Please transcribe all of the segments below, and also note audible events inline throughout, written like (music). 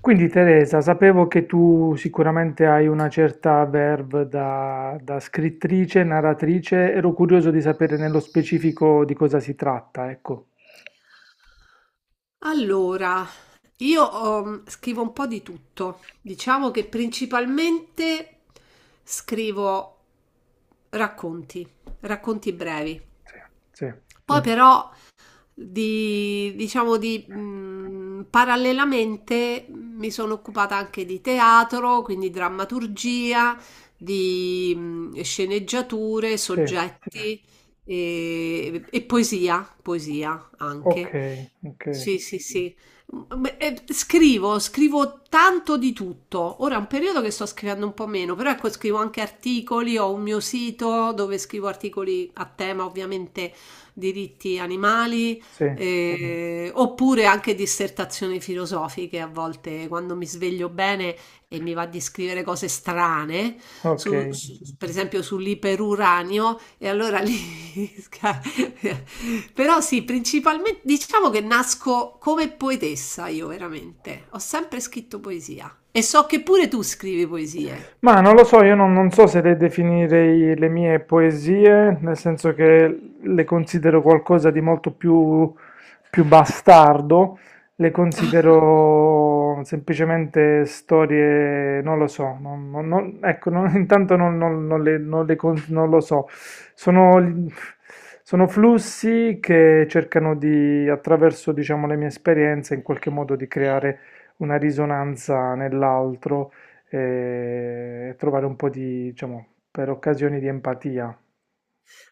Quindi Teresa, sapevo che tu sicuramente hai una certa verve da scrittrice, narratrice, ero curioso di sapere nello specifico di cosa si tratta, ecco. Allora, io scrivo un po' di tutto. Diciamo che principalmente scrivo racconti, racconti brevi. Sì, sì, Poi però diciamo parallelamente mi sono occupata anche di teatro, quindi drammaturgia, di sceneggiature, sì, soggetti e poesia, poesia ok, anche. ok, Sì, sì, sì. Scrivo tanto di tutto. Ora è un periodo che sto scrivendo un po' meno, però ecco, scrivo anche articoli, ho un mio sito dove scrivo articoli a tema, ovviamente, diritti animali, sì, oppure anche dissertazioni filosofiche a volte, quando mi sveglio bene e mi va di scrivere cose strane ok. Per esempio sull'iperuranio e allora lì... (laughs) sca- Però sì, principalmente diciamo che nasco come poetessa io veramente. Ho sempre scritto poesia e so che pure tu scrivi poesie. Ma non lo so, io non so se le definirei le mie poesie, nel senso che le considero qualcosa di molto più, più bastardo, le considero semplicemente storie, non lo so, (laughs) intanto non, non- non le, non le con- non lo so, sono, sono flussi che cercano di, attraverso, diciamo, le mie esperienze, in qualche modo di creare una risonanza nell'altro e trovare un po' di, diciamo, per occasioni di empatia.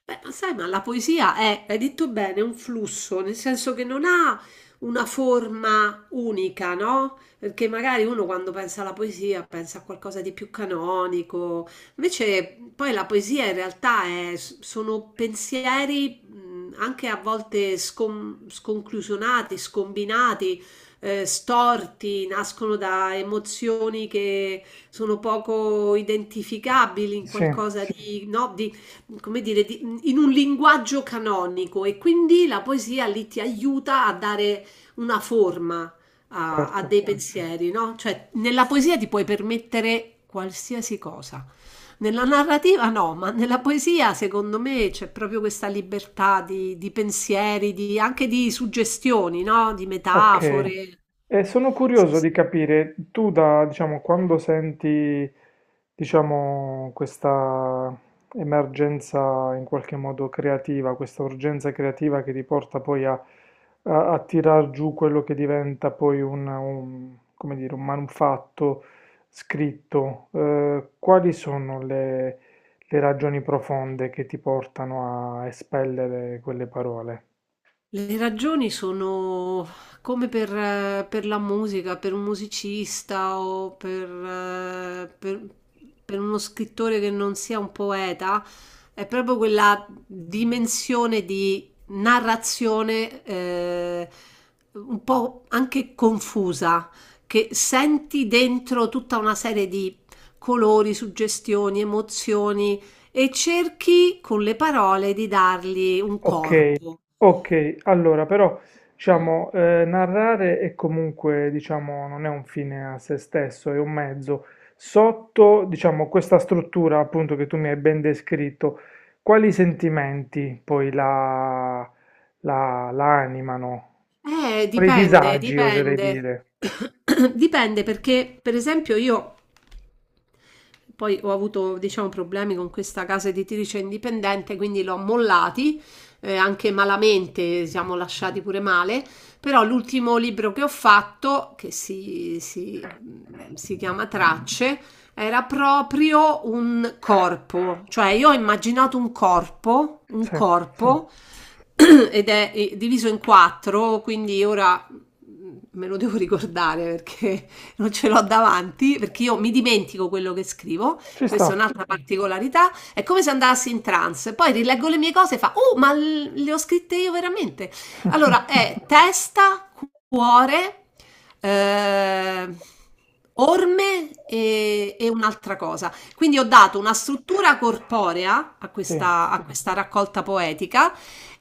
Beh, ma sai, ma la poesia è, hai detto bene, un flusso, nel senso che non ha una forma unica, no? Perché magari uno quando pensa alla poesia pensa a qualcosa di più canonico, invece poi la poesia in realtà è- sono pensieri anche a volte sconclusionati, scombinati, storti, nascono da emozioni che sono poco identificabili in Sì, qualcosa di, no, di come dire, di- in un linguaggio canonico e quindi la poesia lì ti aiuta a dare una forma a, a certo. dei pensieri, no? Cioè, nella poesia ti puoi permettere qualsiasi cosa. Nella narrativa no, ma nella poesia secondo me c'è proprio questa libertà di pensieri, di- anche di suggestioni, no? Di Ok, metafore. e sono curioso di capire, tu da, diciamo, quando senti, diciamo, questa emergenza in qualche modo creativa, questa urgenza creativa che ti porta poi a tirar giù quello che diventa poi un, come dire, un manufatto scritto, quali sono le ragioni profonde che ti portano a espellere quelle parole? Le ragioni sono come per la musica, per un musicista o per uno scrittore che non sia un poeta, è proprio quella dimensione di narrazione un po' anche confusa, che senti dentro tutta una serie di colori, suggestioni, emozioni e cerchi con le parole di dargli un Ok, corpo. ok, allora però diciamo narrare è comunque diciamo non è un fine a se stesso, è un mezzo. Sotto diciamo questa struttura appunto che tu mi hai ben descritto, quali sentimenti poi la animano? Quali Dipende, disagi oserei dipende. dire? (coughs) Dipende perché, per esempio, io poi ho avuto, diciamo, problemi con questa casa editrice indipendente, quindi l'ho mollati, anche malamente, siamo lasciati pure male, però l'ultimo libro che ho fatto, si chiama Tracce, era proprio un corpo, cioè io ho immaginato un Sì, corpo, (clears throat) ed è diviso in quattro, quindi ora me lo devo ricordare perché non ce l'ho davanti perché io mi dimentico quello che scrivo, ci sta. questa è un'altra particolarità, è come se andassi in trance, poi rileggo le mie cose e fa, oh, ma le ho scritte io veramente. Allora (laughs) è testa, cuore, eh, orme e, un'altra cosa. Quindi ho dato una struttura corporea Sì, a questa raccolta poetica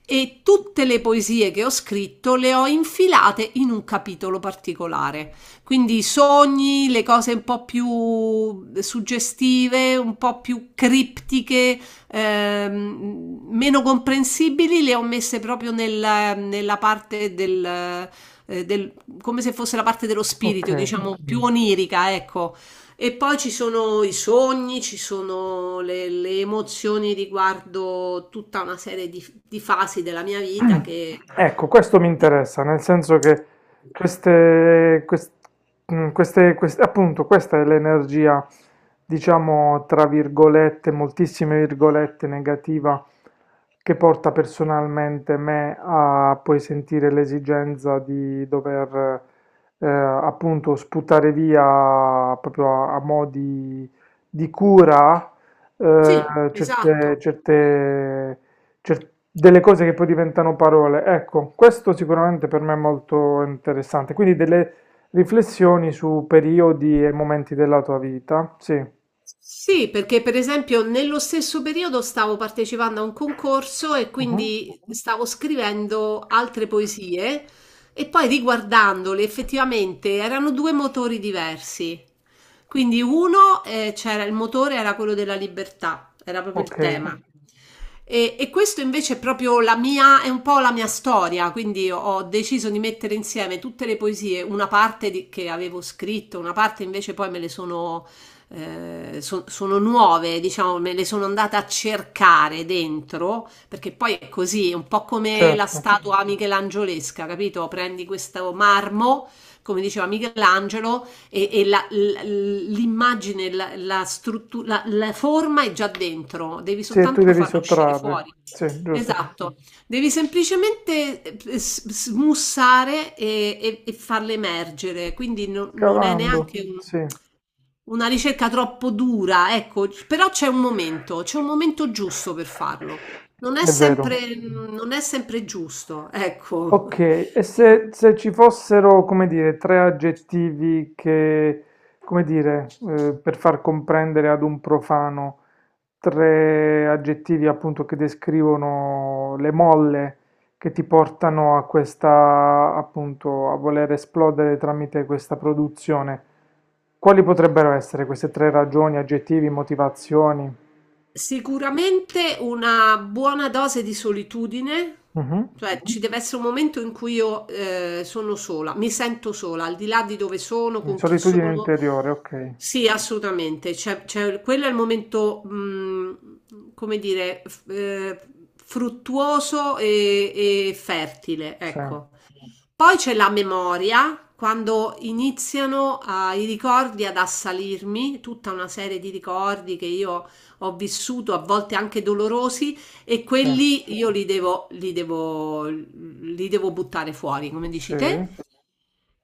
e tutte le poesie che ho scritto le ho infilate in un capitolo particolare. Quindi i sogni, le cose un po' più suggestive, un po' più criptiche, meno comprensibili, le ho messe proprio nella, nella parte del, eh, del- come se fosse la parte dello ok. spirito, diciamo, più onirica, ecco. E poi ci sono i sogni, ci sono le emozioni riguardo tutta una serie di fasi della mia vita (clears throat) che... Ecco, questo mi di- interessa, nel senso che queste, quest- appunto, questa è l'energia, diciamo, tra virgolette, moltissime virgolette, negativa, che porta personalmente me a poi sentire l'esigenza di dover, appunto, sputare via proprio a, a mo' di cura, Sì, certe, esatto. Delle cose che poi diventano parole. Ecco, questo sicuramente per me è molto interessante. Quindi delle riflessioni su periodi e momenti della tua vita. Sì. Sì, perché per esempio nello stesso periodo stavo partecipando a un concorso e Mhm. quindi stavo scrivendo altre poesie e poi riguardandole effettivamente erano due motori diversi. Quindi uno, c'era il motore era quello della libertà, era proprio Ok, il tema. E questo invece è proprio la mia, è un po' la mia storia, quindi ho deciso di mettere insieme tutte le poesie, una parte di- che avevo scritto, una parte invece poi me le sono sono nuove, diciamo, me le sono andata a cercare dentro, perché poi è così, è un po' come la certo. statua michelangiolesca, capito? Prendi questo marmo, come diceva Michelangelo, e l'immagine, la, la struttura, la forma è già dentro, devi Sì, e tu soltanto devi farla uscire sottrarre. fuori. Sì, giusto. Esatto. Devi semplicemente smussare e, e farle emergere, quindi no- non è Scavando. neanche Ok. Sì, è un- una ricerca troppo dura, ecco, c- però c'è un momento giusto per farlo. Non è sempre, vero. Ok. non è sempre giusto, ecco. Ok, e se ci fossero, come dire, tre aggettivi che, come dire, per far comprendere ad un profano, tre aggettivi appunto che descrivono le molle che ti portano a questa, appunto, a voler esplodere tramite questa produzione, quali potrebbero essere queste tre ragioni, aggettivi, motivazioni? Sicuramente una buona dose di solitudine, Mhm. cioè Mhm. ci deve essere un momento in cui io sono sola, mi sento sola, al di là di dove sono, Quindi con chi solitudine sono. interiore, ok. Sì, assolutamente. Quello è il momento, come dire, fruttuoso e fertile, Sì, ecco. Poi c'è la memoria, quando iniziano, i ricordi ad assalirmi, tutta una serie di ricordi che io ho vissuto, a volte anche dolorosi, e sì, quelli io li devo, li devo, li devo buttare fuori, come dici te. sì.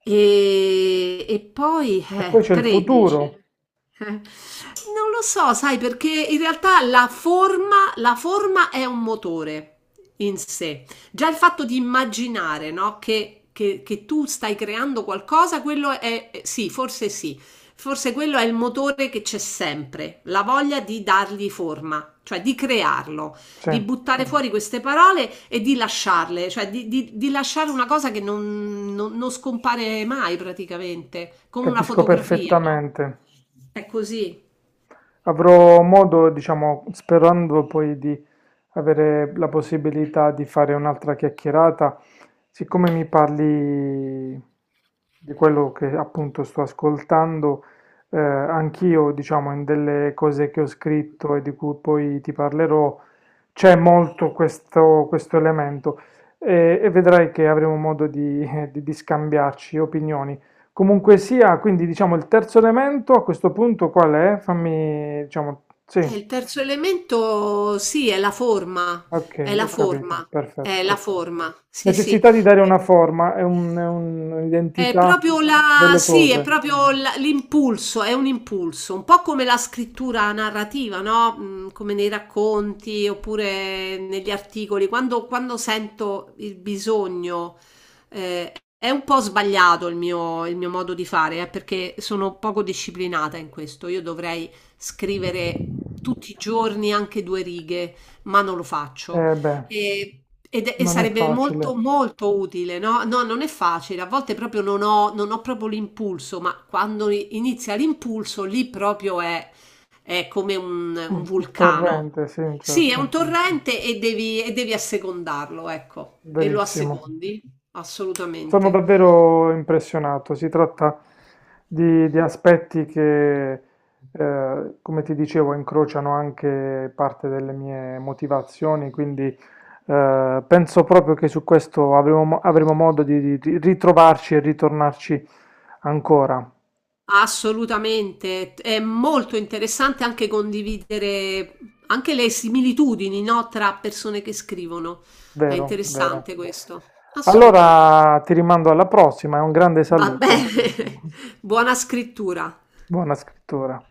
E poi E poi c'è il 13. futuro, Non lo so, sai, perché in realtà la forma è un motore in sé. Già il fatto di immaginare, no, che tu stai creando qualcosa, quello è, sì, forse quello è il motore che c'è sempre, la voglia di dargli forma, cioè di crearlo, sì, di buttare fuori queste parole e di lasciarle, cioè di, di lasciare una cosa che non, non- non scompare mai praticamente, come una capisco fotografia, no? perfettamente. È così. Avrò modo, diciamo, sperando poi di avere la possibilità di fare un'altra chiacchierata, siccome mi parli di quello che appunto sto ascoltando, anch'io, diciamo, in delle cose che ho scritto e di cui poi ti parlerò, c'è molto questo, questo elemento e vedrai che avremo modo di (laughs) di scambiarci opinioni. Comunque sia, quindi diciamo il terzo elemento a questo punto qual è? Fammi, diciamo, E sì, il terzo elemento, sì, è la forma, è ok, la ho capito, forma, perfetto, è la perfetto. forma, sì, sì. Necessità di dare una forma, è un- è È un'identità proprio la, delle sì, è cose. proprio l'impulso, è un impulso, un po' come la scrittura narrativa, no? Come nei racconti oppure negli articoli. Quando, quando sento il bisogno, eh, è un po' sbagliato il mio modo di fare, perché sono poco disciplinata in questo. Io dovrei scrivere tutti i giorni anche due righe, ma non lo faccio. Eh beh, E, e non è sarebbe molto facile. molto utile, no? No, non è facile, a volte proprio non ho, non ho proprio l'impulso, ma quando inizia l'impulso lì proprio è come Mm, un un vulcano. torrente, sì, Sì, è un certo, torrente e devi assecondarlo, ecco, e lo verissimo. assecondi, Sono assolutamente. davvero impressionato. Si tratta di aspetti che, come ti dicevo, incrociano anche parte delle mie motivazioni, quindi penso proprio che su questo avremo, avremo modo di ritrovarci e ritornarci ancora. Assolutamente, è molto interessante anche condividere anche le similitudini, no, tra persone che scrivono. È Vero, vero. interessante questo, assolutamente. Allora ti rimando alla prossima e un grande Va saluto. bene, (laughs) buona scrittura. Buona scrittura.